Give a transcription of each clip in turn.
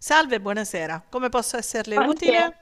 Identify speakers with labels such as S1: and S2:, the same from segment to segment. S1: Salve, buonasera. Come posso esserle
S2: Buonasera.
S1: utile?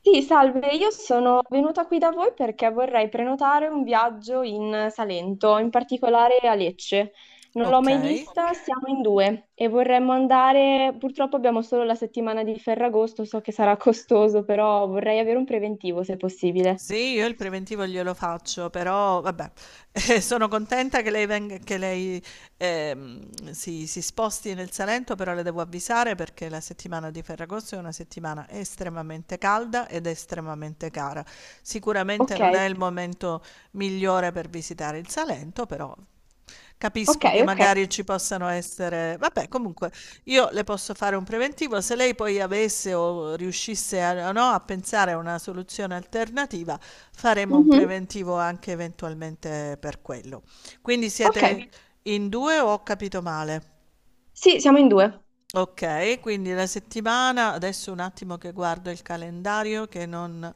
S2: Sì, salve, io sono venuta qui da voi perché vorrei prenotare un viaggio in Salento, in particolare a Lecce. Non l'ho
S1: Ok.
S2: mai vista, siamo in due e vorremmo andare, purtroppo abbiamo solo la settimana di Ferragosto, so che sarà costoso, però vorrei avere un preventivo se possibile.
S1: Sì, io il preventivo glielo faccio, però vabbè, sono contenta che lei, si sposti nel Salento, però le devo avvisare perché la settimana di Ferragosto è una settimana estremamente calda ed estremamente cara. Sicuramente
S2: Ok,
S1: non è il momento migliore per visitare il Salento, però
S2: ok,
S1: capisco che
S2: ok.
S1: magari ci possano essere... Vabbè, comunque, io le posso fare un preventivo, se lei poi avesse o riuscisse a, no, a pensare a una soluzione alternativa, faremo un
S2: Mhm,
S1: preventivo anche eventualmente per quello. Quindi siete
S2: Ok,
S1: in due o ho capito male?
S2: sì, siamo in due.
S1: Okay, quindi la settimana adesso un attimo che guardo il calendario che non...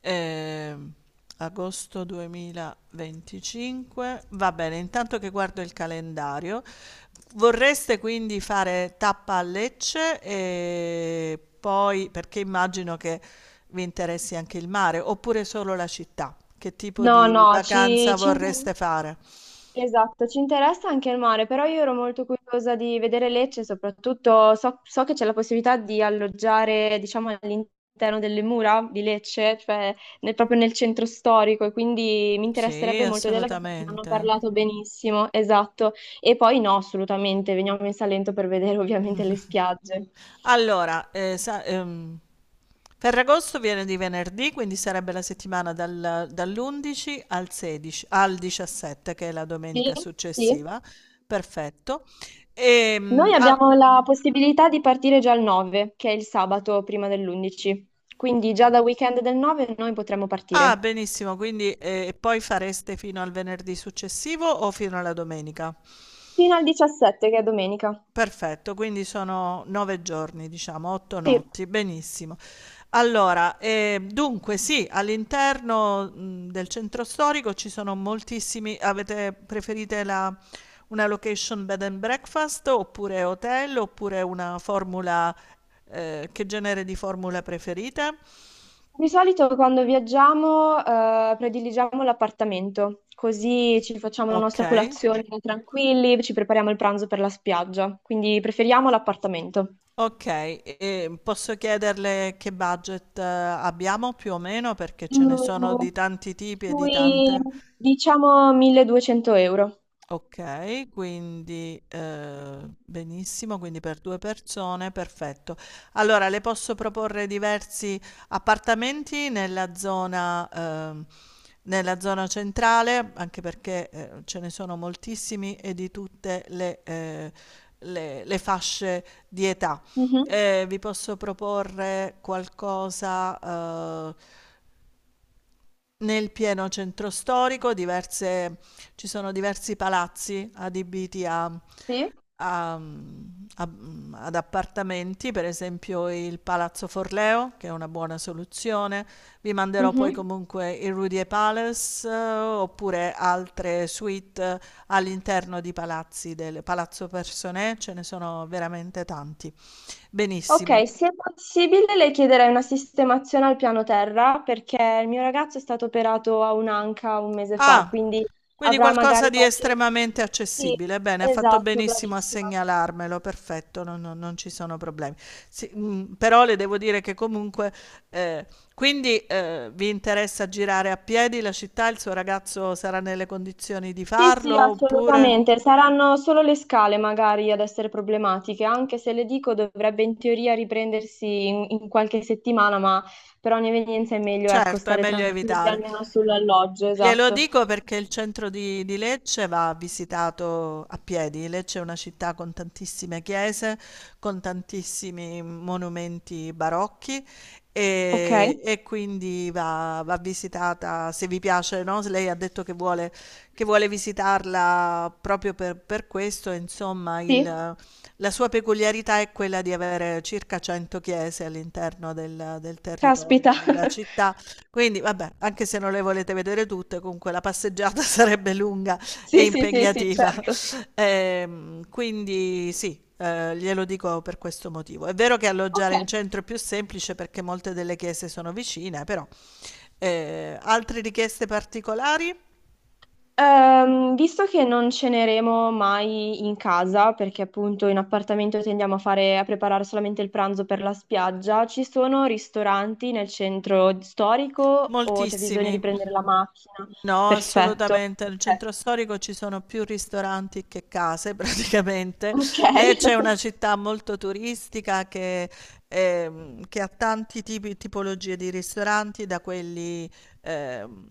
S1: Ehm, Agosto 2025. Va bene, intanto che guardo il calendario, vorreste quindi fare tappa a Lecce e poi perché immagino che vi interessi anche il mare, oppure solo la città? Che tipo
S2: No,
S1: di
S2: no, ci,
S1: vacanza
S2: ci interessa,
S1: vorreste fare?
S2: esatto, ci interessa anche il mare, però io ero molto curiosa di vedere Lecce, soprattutto so che c'è la possibilità di alloggiare, diciamo, all'interno delle mura di Lecce, cioè proprio nel centro storico, e quindi mi
S1: Sì,
S2: interesserebbe molto vederla perché ne hanno
S1: assolutamente.
S2: parlato benissimo, esatto. E poi no, assolutamente, veniamo in Salento per vedere ovviamente le spiagge.
S1: Allora, sa, Ferragosto viene di venerdì, quindi sarebbe la settimana dall'11 al 16 al 17, che è la
S2: Sì,
S1: domenica
S2: sì.
S1: successiva, perfetto.
S2: Noi
S1: Al
S2: abbiamo
S1: mh.
S2: la possibilità di partire già il 9, che è il sabato prima dell'11, quindi già da weekend del 9 noi potremmo
S1: Ah,
S2: partire
S1: benissimo, quindi, e poi fareste fino al venerdì successivo o fino alla domenica?
S2: fino al 17, che è domenica.
S1: Perfetto, quindi sono 9 giorni, diciamo, 8
S2: Sì,
S1: notti, benissimo. Allora, dunque sì, all'interno, del centro storico ci sono moltissimi. Avete preferite la, una location bed and breakfast oppure hotel, oppure una formula, che genere di formula preferite?
S2: di solito quando viaggiamo prediligiamo l'appartamento, così ci facciamo la nostra
S1: Okay,
S2: colazione tranquilli, ci prepariamo il pranzo per la spiaggia, quindi preferiamo l'appartamento.
S1: okay. E posso chiederle che budget abbiamo più o meno? Perché ce ne sono
S2: Mm,
S1: di tanti tipi e di
S2: Sui,
S1: tante.
S2: diciamo, 1.200 euro.
S1: Okay, quindi, benissimo, quindi per 2 persone, perfetto. Allora le posso proporre diversi appartamenti nella zona, nella zona centrale, anche perché, ce ne sono moltissimi e di tutte le, le fasce di età.
S2: Mhm.
S1: Vi posso proporre qualcosa, nel pieno centro storico. Diverse, ci sono diversi palazzi adibiti a
S2: Sì.
S1: a mhmm, a mhmm, ad appartamenti, per esempio il Palazzo Forleo, che è una buona soluzione. Vi manderò poi
S2: Mhm.
S1: comunque il Rudier Palace, oppure altre suite all'interno di palazzi, del Palazzo Personnè, ce ne sono veramente tanti. Benissimo.
S2: Ok, se è possibile le chiederei una sistemazione al piano terra perché il mio ragazzo è stato operato a un'anca un mese fa,
S1: Ah,
S2: quindi
S1: quindi
S2: avrà
S1: qualcosa
S2: magari
S1: di
S2: qualche.
S1: estremamente
S2: Sì,
S1: accessibile. Bene, ha fatto
S2: esatto,
S1: benissimo a
S2: bravissima.
S1: segnalarmelo, perfetto, non ci sono problemi. Sì, mm, però le devo dire che comunque, eh, vi interessa girare a piedi la città? Il suo ragazzo sarà nelle condizioni di
S2: Sì,
S1: farlo
S2: sì,
S1: oppure?
S2: assolutamente. Saranno solo le scale magari ad essere problematiche, anche se le dico dovrebbe in teoria riprendersi in qualche settimana, ma per ogni evenienza è meglio, ecco,
S1: Certo, è
S2: stare
S1: meglio
S2: tranquilli
S1: evitare.
S2: almeno sull'alloggio,
S1: Glielo
S2: esatto.
S1: dico perché il centro di Lecce va visitato a piedi. Lecce è una città con tantissime chiese, con tantissimi monumenti barocchi
S2: Ok,
S1: e quindi va visitata, se vi piace, no? Se Lei ha detto che vuole visitarla proprio per questo, insomma,
S2: sì,
S1: la sua peculiarità è quella di avere circa 100 chiese all'interno del territorio
S2: caspita.
S1: della città. Quindi vabbè, anche se non le volete vedere tutte, comunque la passeggiata sarebbe lunga e
S2: Sì, sì, sì, sì,
S1: impegnativa.
S2: certo.
S1: Quindi sì, glielo dico per questo motivo. È vero che
S2: Ok.
S1: alloggiare in centro è più semplice perché molte delle chiese sono vicine, però, altre richieste particolari?
S2: Visto che non ceneremo mai in casa, perché appunto in appartamento tendiamo a fare, a preparare solamente il pranzo per la spiaggia, ci sono ristoranti nel centro storico o c'è bisogno di
S1: Moltissimi.
S2: prendere la macchina?
S1: No,
S2: Perfetto.
S1: assolutamente. Nel
S2: Ok.
S1: centro storico ci sono più ristoranti che case, praticamente.
S2: Ok.
S1: Lecce è una città molto turistica che ha tanti tipologie di ristoranti, da quelli ehm,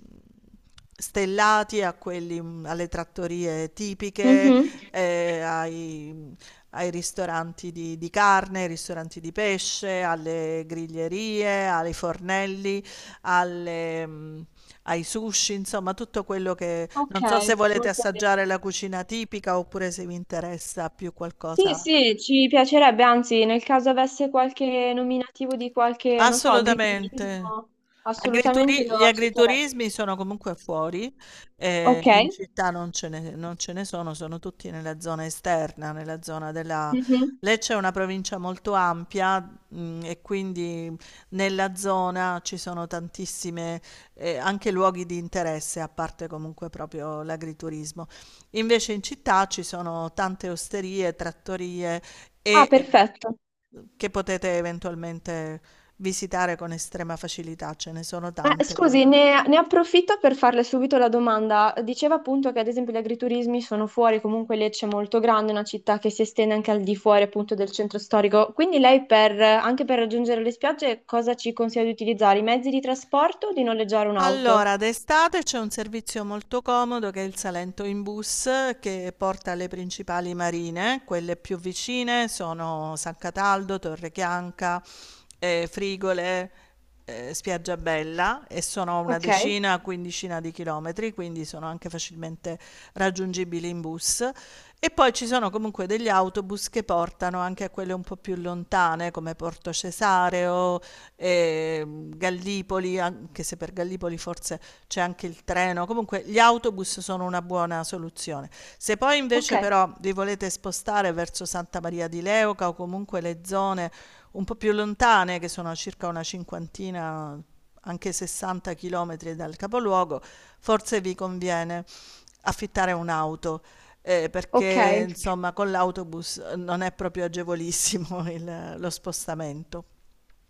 S1: stellati a quelli, mm, alle trattorie tipiche,
S2: Mhm.
S1: eh, ai, ai ristoranti di carne, ai ristoranti di pesce, alle griglierie, ai fornelli, alle, ai sushi, insomma tutto quello. Che
S2: Ok,
S1: non so se volete
S2: molto bene.
S1: assaggiare la cucina tipica oppure se vi interessa più
S2: Sì,
S1: qualcosa.
S2: sì, ci piacerebbe, anzi, nel caso avesse qualche nominativo di qualche, non so,
S1: Assolutamente.
S2: agriturismo, assolutamente
S1: Agrituri
S2: lo
S1: Gli
S2: accetterei.
S1: agriturismi sono comunque fuori,
S2: Ok.
S1: in città non ce ne sono, sono tutti nella zona esterna, nella zona della...
S2: Mhm.
S1: Lecce è una provincia molto ampia, e quindi nella zona ci sono tantissime, anche luoghi di interesse, a parte comunque proprio l'agriturismo. Invece in città ci sono tante osterie, trattorie
S2: Ah,
S1: e,
S2: perfetto.
S1: che potete eventualmente visitare con estrema facilità, ce ne sono tante
S2: Scusi,
S1: quelle.
S2: ne approfitto per farle subito la domanda. Diceva appunto che ad esempio gli agriturismi sono fuori, comunque Lecce è molto grande, è una città che si estende anche al di fuori appunto del centro storico. Quindi lei per, anche per raggiungere le spiagge cosa ci consiglia di utilizzare? I mezzi di trasporto o di noleggiare un'auto?
S1: Allora, d'estate c'è un servizio molto comodo che è il Salento in bus, che porta alle principali marine. Quelle più vicine sono San Cataldo, Torre Chianca, Frigole, Spiaggiabella, e sono una
S2: Ok,
S1: decina, quindicina di chilometri, quindi sono anche facilmente raggiungibili in bus. E poi ci sono comunque degli autobus che portano anche a quelle un po' più lontane, come Porto Cesareo, eh, Gallipoli, anche se per Gallipoli forse c'è anche il treno. Comunque gli autobus sono una buona soluzione. Se poi
S2: ok.
S1: invece però vi volete spostare verso Santa Maria di Leuca o comunque le zone un po' più lontane, che sono circa una cinquantina, anche 60 chilometri dal capoluogo, forse vi conviene affittare un'auto,
S2: Ok,
S1: perché insomma con l'autobus non è proprio agevolissimo il lo spostamento.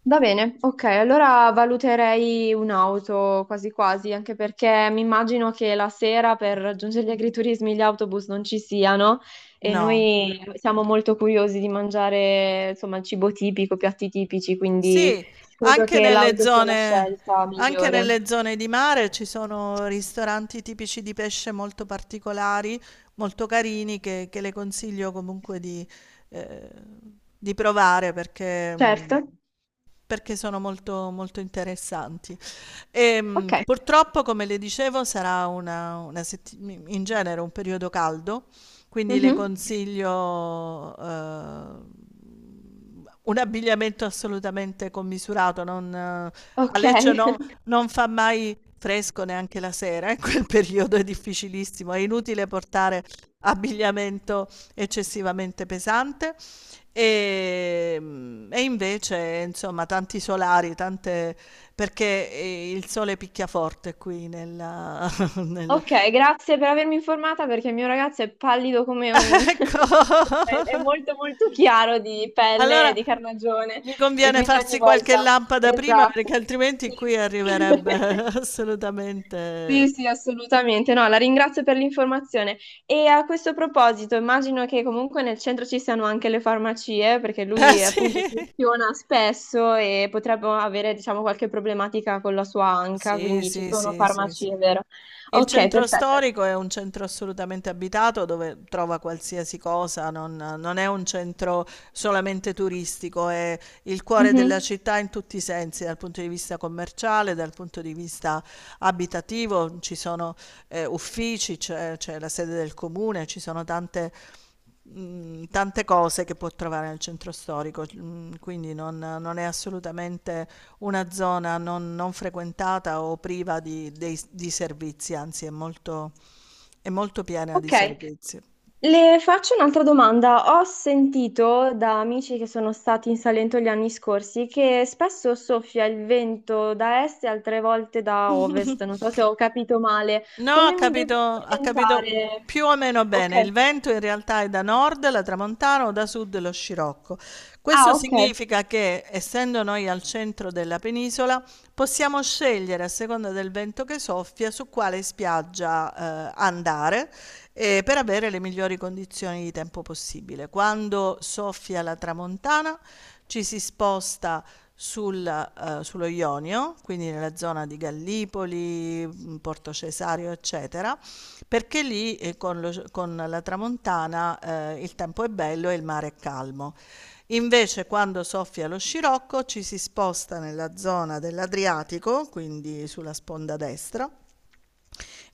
S2: va bene, ok, allora valuterei un'auto quasi quasi, anche perché mi immagino che la sera per raggiungere gli agriturismi gli autobus non ci siano e
S1: No.
S2: noi siamo molto curiosi di mangiare, insomma, il cibo tipico, piatti tipici, quindi
S1: Sì,
S2: credo
S1: anche
S2: che
S1: nelle
S2: l'auto sia la
S1: zone,
S2: scelta
S1: anche
S2: migliore.
S1: nelle zone di mare ci sono ristoranti tipici di pesce molto particolari, molto carini, che le consiglio comunque eh, di provare perché,
S2: Certo,
S1: perché sono molto interessanti. E,
S2: ok.
S1: purtroppo, come le dicevo, sarà in genere un periodo caldo, quindi le
S2: Mhm.
S1: consiglio, un abbigliamento assolutamente commisurato, non, a
S2: Ok,
S1: Lecce no- non fa mai fresco neanche la sera, in quel periodo è difficilissimo, è inutile portare abbigliamento eccessivamente pesante e, e invece insomma tanti solari, tante, perché il sole picchia forte qui nel-
S2: ok, grazie per avermi informata perché il mio ragazzo è pallido come un.
S1: Ecco.
S2: È molto molto chiaro di pelle,
S1: Allora
S2: di carnagione
S1: gli
S2: e
S1: conviene
S2: quindi ogni
S1: farsi qualche
S2: volta.
S1: lampada prima, perché
S2: Esatto.
S1: altrimenti
S2: Sì.
S1: qui arriverebbe
S2: Sì,
S1: assolutamente.
S2: sì, assolutamente. No, la ringrazio per l'informazione. E a questo proposito, immagino che comunque nel centro ci siano anche le farmacie, perché
S1: Eh
S2: lui
S1: sì.
S2: appunto funziona spesso e potrebbe avere, diciamo, qualche problematica con la sua anca,
S1: Sì,
S2: quindi ci
S1: sì,
S2: sono
S1: sì, sì, sì.
S2: farmacie, vero?
S1: Il
S2: Ok,
S1: centro
S2: perfetto.
S1: storico è un centro assolutamente abitato dove trova qualsiasi cosa, non è un centro solamente turistico, è il cuore della
S2: Mhm.
S1: città in tutti i sensi, dal punto di vista commerciale, dal punto di vista abitativo, ci sono, uffici, c'è la sede del comune, ci sono tante, tante cose che può trovare nel centro storico, mm, quindi non è assolutamente una zona non frequentata o priva di, di servizi, anzi è molto piena di
S2: Ok,
S1: servizi.
S2: le faccio un'altra domanda. Ho sentito da amici che sono stati in Salento gli anni scorsi che spesso soffia il vento da est e altre volte da ovest. Non so se ho capito male.
S1: No,
S2: Come mi devo
S1: ha capito
S2: orientare?
S1: più o meno
S2: Ok.
S1: bene. Il vento in realtà è da nord la tramontana o da sud lo scirocco. Questo
S2: Ah, ok.
S1: significa che, essendo noi al centro della penisola, possiamo scegliere a seconda del vento che soffia su quale spiaggia, andare, per avere le migliori condizioni di tempo possibile. Quando soffia la tramontana ci si sposta sul, sullo Ionio, quindi nella zona di Gallipoli, Porto Cesario, eccetera, perché lì con la tramontana, il tempo è bello e il mare è calmo. Invece quando soffia lo scirocco ci si sposta nella zona dell'Adriatico, quindi sulla sponda destra,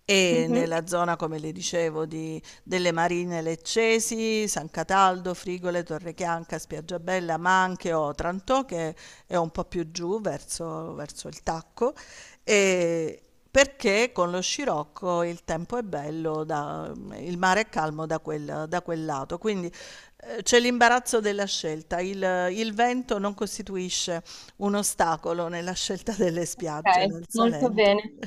S1: e
S2: Mhm.
S1: nella zona, come le dicevo, di delle Marine Leccesi, San Cataldo, Frigole, Torrechianca, Spiaggiabella, ma anche Otranto, che è un po' più giù verso il Tacco, ehm, perché con lo scirocco il tempo è bello da, il mare è calmo da quel lato. Quindi, c'è l'imbarazzo della scelta. Il vento non costituisce un ostacolo nella scelta delle spiagge
S2: Ok,
S1: nel
S2: molto
S1: Salento.
S2: bene.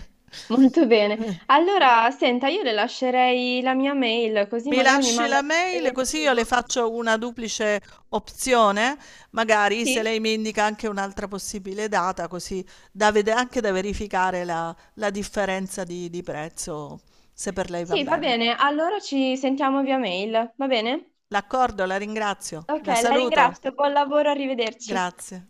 S2: Molto bene.
S1: Eh.
S2: Allora, senta, io le lascerei la mia mail così
S1: Mi
S2: magari mi
S1: lasci
S2: manda
S1: la
S2: il
S1: mail, così io le
S2: preventivo.
S1: faccio una duplice opzione, magari se
S2: Sì?
S1: lei mi indica anche un'altra possibile data, così da anche da verificare la, la differenza di prezzo, se per lei va
S2: Sì, va
S1: bene.
S2: bene, allora ci sentiamo via mail, va bene?
S1: D'accordo, la ringrazio,
S2: Ok,
S1: la
S2: la
S1: saluto,
S2: ringrazio, buon lavoro, arrivederci.
S1: grazie.